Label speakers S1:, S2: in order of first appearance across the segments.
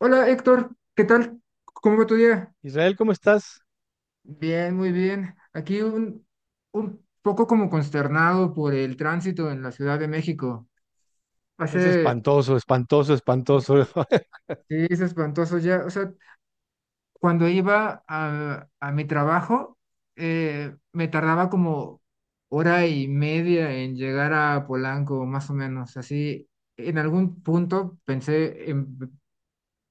S1: Hola Héctor, ¿qué tal? ¿Cómo va tu día?
S2: Israel, ¿cómo estás?
S1: Bien, muy bien. Aquí un poco como consternado por el tránsito en la Ciudad de México.
S2: Es
S1: Hace,
S2: espantoso, espantoso, espantoso.
S1: sí, es espantoso ya. O sea, cuando iba a mi trabajo, me tardaba como hora y media en llegar a Polanco, más o menos. Así, en algún punto pensé en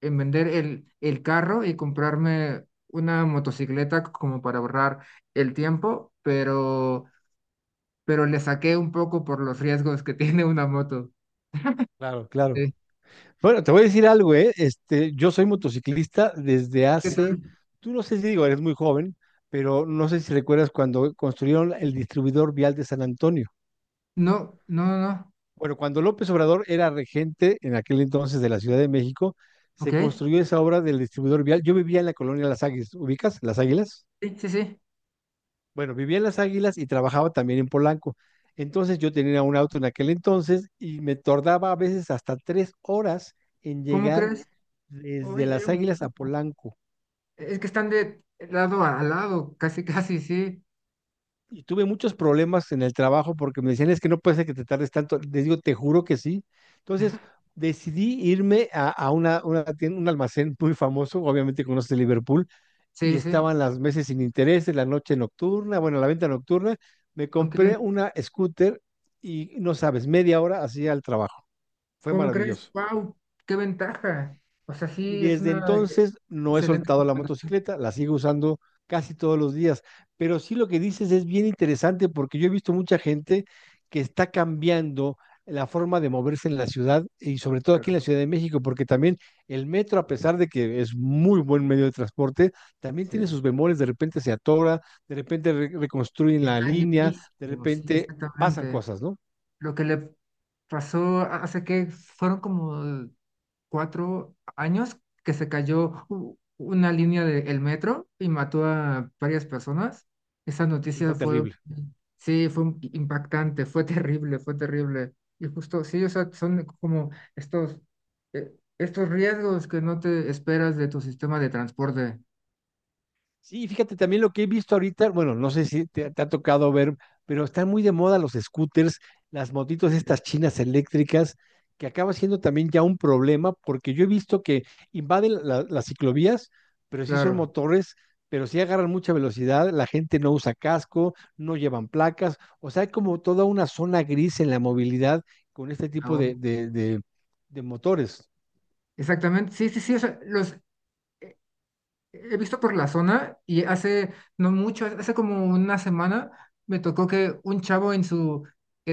S1: en vender el carro y comprarme una motocicleta como para ahorrar el tiempo, pero le saqué un poco por los riesgos que tiene una moto.
S2: Claro, claro.
S1: Sí.
S2: Bueno, te voy a decir algo, ¿eh? Yo soy motociclista desde
S1: ¿Qué
S2: hace,
S1: tal?
S2: tú no sé si digo, eres muy joven, pero no sé si recuerdas cuando construyeron el distribuidor vial de San Antonio.
S1: No, no, no, no.
S2: Bueno, cuando López Obrador era regente en aquel entonces de la Ciudad de México,
S1: Ok.
S2: se construyó esa obra del distribuidor vial. Yo vivía en la colonia Las Águilas, ¿ubicas? Las Águilas.
S1: Sí, sí, sí.
S2: Bueno, vivía en Las Águilas y trabajaba también en Polanco. Entonces yo tenía un auto en aquel entonces y me tardaba a veces hasta 3 horas en
S1: ¿Cómo
S2: llegar
S1: crees?
S2: desde
S1: Uy, era
S2: Las Águilas a
S1: muchísimo.
S2: Polanco.
S1: Es que están de lado a lado, casi, casi, sí.
S2: Y tuve muchos problemas en el trabajo porque me decían, es que no puede ser que te tardes tanto. Les digo, te juro que sí. Entonces decidí irme a un almacén muy famoso, obviamente conoces Liverpool, y
S1: Sí, sí.
S2: estaban las meses sin intereses, la noche nocturna, bueno, la venta nocturna. Me
S1: Ok.
S2: compré una scooter y no sabes, 1/2 hora hacía el trabajo. Fue
S1: ¿Cómo crees?
S2: maravilloso.
S1: ¡Wow! ¡Qué ventaja! O sea,
S2: Y
S1: sí, es
S2: desde
S1: una
S2: entonces no he
S1: excelente
S2: soltado la
S1: recomendación.
S2: motocicleta, la sigo usando casi todos los días. Pero sí lo que dices es bien interesante porque yo he visto mucha gente que está cambiando la forma de moverse en la ciudad y sobre todo aquí en la Ciudad de México, porque también el metro, a pesar de que es muy buen medio de transporte, también
S1: Sí.
S2: tiene sus bemoles, de repente se atora, de repente reconstruyen la
S1: Está
S2: línea, de
S1: llenísimo, sí,
S2: repente pasan
S1: exactamente.
S2: cosas, ¿no?
S1: Lo que le hace que fueron como 4 años que se cayó una línea del metro y mató a varias personas. Esa
S2: Sí,
S1: noticia
S2: fue
S1: fue,
S2: terrible.
S1: sí, fue impactante, fue terrible, fue terrible. Y justo, sí, o sea, son como estos, eh, estos riesgos que no te esperas de tu sistema de transporte,
S2: Sí, fíjate también lo que he visto ahorita, bueno, no sé si te ha tocado ver, pero están muy de moda los scooters, las motitos estas chinas eléctricas, que acaba siendo también ya un problema, porque yo he visto que invaden las ciclovías, pero sí son
S1: claro.
S2: motores, pero sí agarran mucha velocidad, la gente no usa casco, no llevan placas, o sea, hay como toda una zona gris en la movilidad con este tipo
S1: Ahora.
S2: de motores.
S1: Exactamente, sí, sí, sí, o sea, los he visto por la zona y hace no mucho, hace como una semana, me tocó que un chavo en su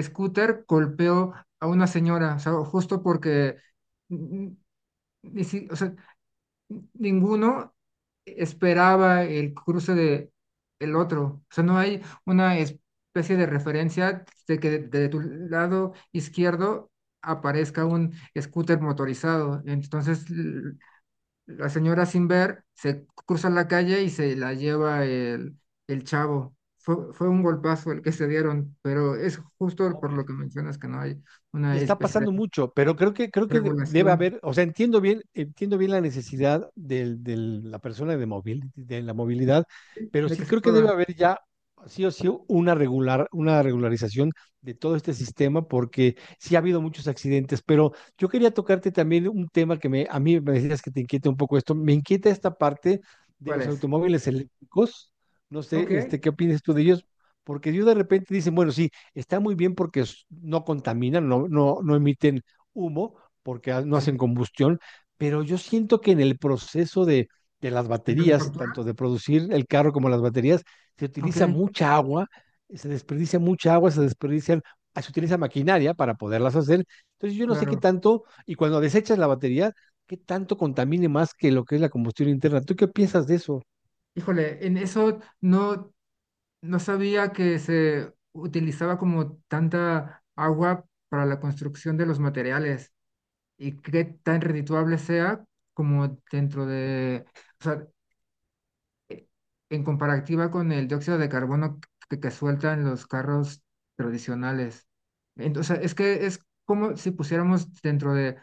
S1: scooter golpeó a una señora, o sea, justo porque mm, ni si- o sea, ninguno esperaba el cruce de el otro. O sea, no hay una especie de referencia de de tu lado izquierdo aparezca un scooter motorizado. Entonces, la señora sin ver se cruza la calle y se la lleva el chavo. Fue un golpazo el que se dieron, pero es justo por lo que mencionas que no hay
S2: Y
S1: una
S2: está
S1: especie de
S2: pasando mucho, pero creo que debe
S1: regulación
S2: haber, o sea, entiendo bien la necesidad de la persona de, móvil de la movilidad, pero
S1: de que
S2: sí
S1: se
S2: creo que debe
S1: pueda.
S2: haber ya sí o sí una regular, una regularización de todo este sistema, porque sí ha habido muchos accidentes, pero yo quería tocarte también un tema que me, a mí me decías que te inquieta un poco esto, me inquieta esta parte de
S1: ¿Cuál
S2: los
S1: es?
S2: automóviles eléctricos, no sé,
S1: Ok.
S2: ¿qué opinas tú de ellos? Porque yo de repente dicen, bueno, sí, está muy bien porque no contaminan, no, no, no emiten humo, porque no hacen
S1: Sí.
S2: combustión, pero yo siento que en el proceso de las
S1: ¿De
S2: baterías,
S1: manufactura?
S2: tanto de producir el carro como las baterías, se
S1: Ok,
S2: utiliza mucha agua, se desperdicia mucha agua, se desperdician, se utiliza maquinaria para poderlas hacer. Entonces yo no sé qué
S1: claro.
S2: tanto, y cuando desechas la batería, qué tanto contamine más que lo que es la combustión interna. ¿Tú qué piensas de eso?
S1: Híjole, en eso no sabía que se utilizaba como tanta agua para la construcción de los materiales. Y qué tan redituable sea como o sea, e- en comparativa con el dióxido de carbono que sueltan los carros tradicionales. Entonces, es como si pusiéramos dentro de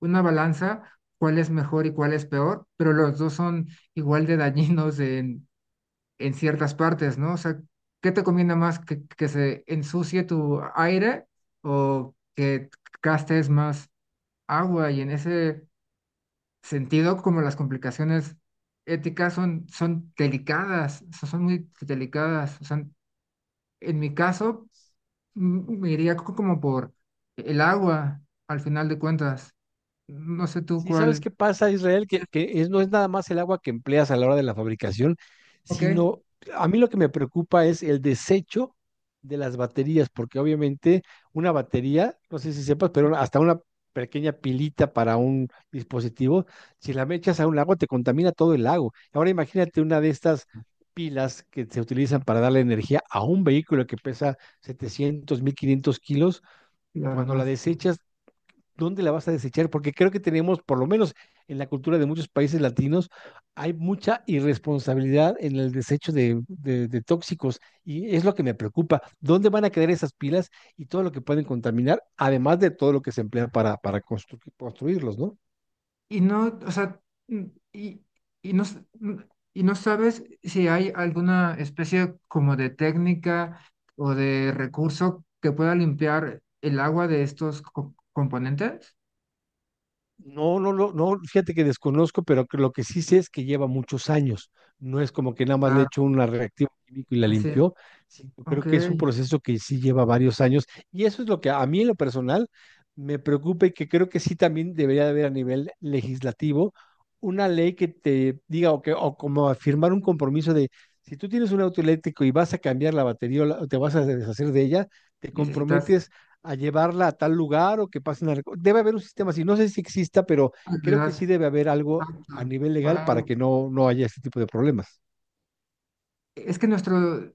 S1: una balanza cuál es mejor y cuál es peor, pero los dos son igual de dañinos en ciertas partes, ¿no? O sea, ¿qué te conviene más que se ensucie tu aire o que gastes más agua? Y en ese sentido como las complicaciones éticas son delicadas, o sea, son muy delicadas. O sea, en mi caso, me iría como por el agua, al final de cuentas. No sé tú
S2: Sí, ¿sabes
S1: cuál.
S2: qué pasa, Israel? Que es, no es nada más el agua que empleas a la hora de la fabricación,
S1: Ok.
S2: sino a mí lo que me preocupa es el desecho de las baterías, porque obviamente una batería, no sé si sepas, pero hasta una pequeña pilita para un dispositivo, si la me echas a un lago, te contamina todo el lago. Ahora imagínate una de estas pilas que se utilizan para darle energía a un vehículo que pesa 700, 1500 kilos,
S1: Y ahora
S2: cuando
S1: no
S2: la
S1: es.
S2: desechas dónde la vas a desechar, porque creo que tenemos, por lo menos en la cultura de muchos países latinos, hay mucha irresponsabilidad en el desecho de tóxicos y es lo que me preocupa. ¿Dónde van a quedar esas pilas y todo lo que pueden contaminar, además de todo lo que se emplea para construirlos, ¿no?
S1: Y no, o sea, mm, y, y no, s- mm, y no sabes si hay alguna especie como de técnica o de recurso que pueda limpiar el agua de estos componentes.
S2: No, no, no, no, fíjate que desconozco, pero que lo que sí sé es que lleva muchos años. No es como que nada más le
S1: Claro,
S2: echó un reactivo químico y la
S1: así.
S2: limpió. Sí, yo
S1: Ok,
S2: creo que es un proceso que sí lleva varios años. Y eso es lo que a mí en lo personal me preocupa y que creo que sí también debería de haber a nivel legislativo una ley que te diga o, que, o como afirmar un compromiso de si tú tienes un auto eléctrico y vas a cambiar la batería o o te vas a deshacer de ella, te
S1: necesitas
S2: comprometes a llevarla a tal lugar o que pasen a... Debe haber un sistema así, no sé si exista, pero creo que
S1: agregar.
S2: sí debe haber algo a
S1: Exacto.
S2: nivel legal para
S1: Wow.
S2: que no, no haya este tipo de problemas.
S1: Es que nuestro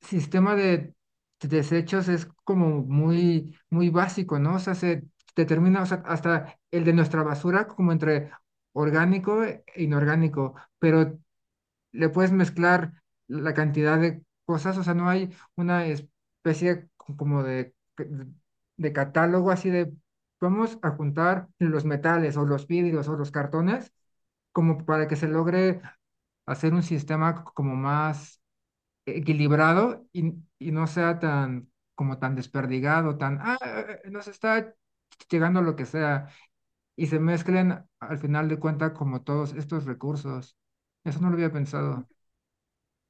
S1: sistema de desechos es como muy, muy básico, ¿no? O sea, se determina, o sea, hasta el de nuestra basura como entre orgánico e inorgánico, pero le puedes mezclar la cantidad de cosas, o sea, no hay una especie como de catálogo así de, vamos a juntar los metales o los vidrios o los cartones como para que se logre hacer un sistema como más equilibrado y no sea tan como tan desperdigado, nos está llegando lo que sea, y se mezclen al final de cuenta como todos estos recursos. Eso no lo había pensado.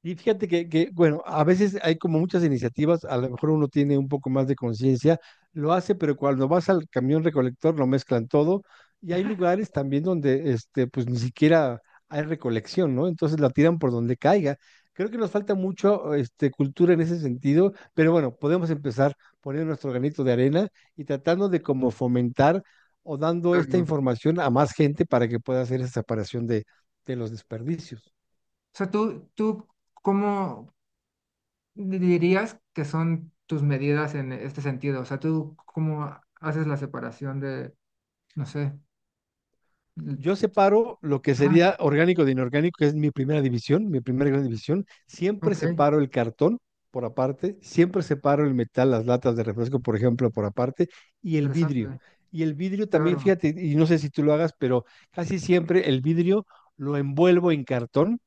S2: Y fíjate que, bueno, a veces hay como muchas iniciativas, a lo mejor uno tiene un poco más de conciencia, lo hace, pero cuando vas al camión recolector lo mezclan todo y hay lugares también donde, pues ni siquiera hay recolección, ¿no? Entonces la tiran por donde caiga. Creo que nos falta mucho, cultura en ese sentido, pero bueno, podemos empezar poniendo nuestro granito de arena y tratando de como fomentar o dando esta
S1: Claro.
S2: información a más gente para que pueda hacer esa separación de los desperdicios.
S1: O sea, ¿cómo dirías que son tus medidas en este sentido? O sea, tú, ¿cómo haces la separación de, no sé, l-
S2: Yo separo lo que
S1: ah,
S2: sería orgánico de inorgánico, que es mi primera división, mi primera gran división. Siempre
S1: ok,
S2: separo el cartón por aparte, siempre separo el metal, las latas de refresco, por ejemplo, por aparte, y el vidrio.
S1: interesante,
S2: Y el vidrio también,
S1: claro,
S2: fíjate, y no sé si tú lo hagas, pero casi siempre el vidrio lo envuelvo en cartón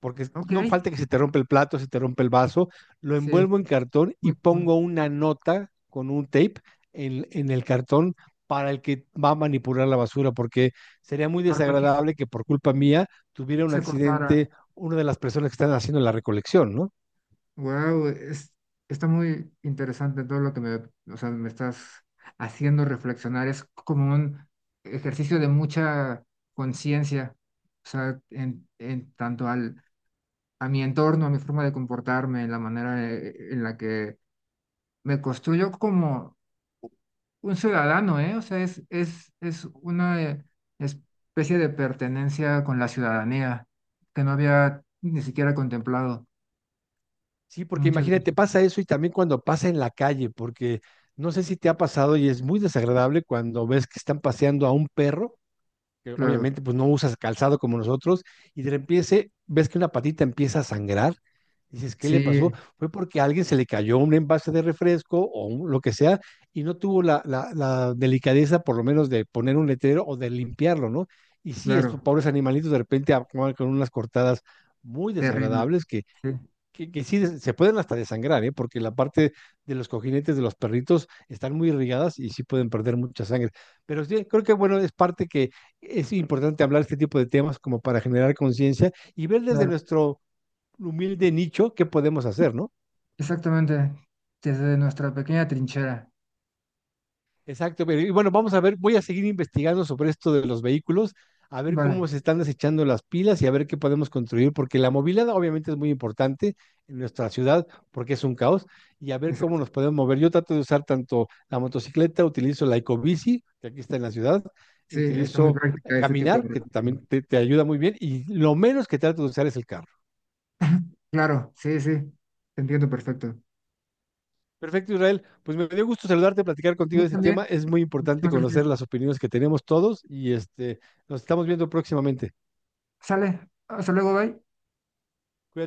S2: porque
S1: ok,
S2: no falta que se te rompe el plato, se te rompe el vaso, lo
S1: sí,
S2: envuelvo en
S1: es
S2: cartón y
S1: muy bueno,
S2: pongo una nota con un tape en el cartón para el que va a manipular la basura, porque sería muy
S1: para cualquier
S2: desagradable que por culpa mía tuviera un
S1: se cortara.
S2: accidente una de las personas que están haciendo la recolección, ¿no?
S1: Wow, está muy interesante todo lo que me, o sea, me estás haciendo reflexionar. Es como un ejercicio de mucha conciencia, o sea, en tanto al a mi entorno, a mi forma de comportarme, la manera en la que me construyo como un ciudadano, ¿eh? O sea, es una especie de pertenencia con la ciudadanía que no había ni siquiera contemplado.
S2: Sí, porque
S1: Muchas veces.
S2: imagínate, pasa eso y también cuando pasa en la calle, porque no sé si te ha pasado y es muy desagradable cuando ves que están paseando a un perro que
S1: Claro,
S2: obviamente pues no usas calzado como nosotros, y de repente ves que una patita empieza a sangrar. Dices, ¿qué le
S1: sí,
S2: pasó? Fue porque a alguien se le cayó un envase de refresco o lo que sea y no tuvo la delicadeza por lo menos de poner un letrero o de limpiarlo, ¿no? Y sí, estos
S1: claro,
S2: pobres animalitos de repente acaban con unas cortadas muy
S1: terrible,
S2: desagradables que
S1: sí,
S2: que, que sí se pueden hasta desangrar, ¿eh? Porque la parte de los cojinetes de los perritos están muy irrigadas y sí pueden perder mucha sangre. Pero sí, creo que bueno, es parte que es importante hablar este tipo de temas como para generar conciencia y ver desde
S1: claro,
S2: nuestro humilde nicho qué podemos hacer, ¿no?
S1: exactamente, desde nuestra pequeña trinchera.
S2: Exacto, pero y bueno, vamos a ver, voy a seguir investigando sobre esto de los vehículos, a ver
S1: Vale,
S2: cómo se están desechando las pilas y a ver qué podemos construir, porque la movilidad obviamente es muy importante en nuestra ciudad, porque es un caos, y a ver cómo
S1: exacto.
S2: nos podemos mover. Yo trato de usar tanto la motocicleta, utilizo la ecobici, que aquí está en la ciudad, y
S1: Sí, está muy
S2: utilizo
S1: práctica este tipo de
S2: caminar, que
S1: recursos.
S2: también te ayuda muy bien, y lo menos que trato de usar es el carro.
S1: Claro, sí, sí, te entiendo perfecto.
S2: Perfecto, Israel. Pues me dio gusto saludarte, platicar contigo
S1: Muy
S2: de este tema.
S1: también,
S2: Es muy importante
S1: muchas
S2: conocer
S1: gracias.
S2: las opiniones que tenemos todos y nos estamos viendo próximamente.
S1: Sale, hasta luego, bye.
S2: Cuídate.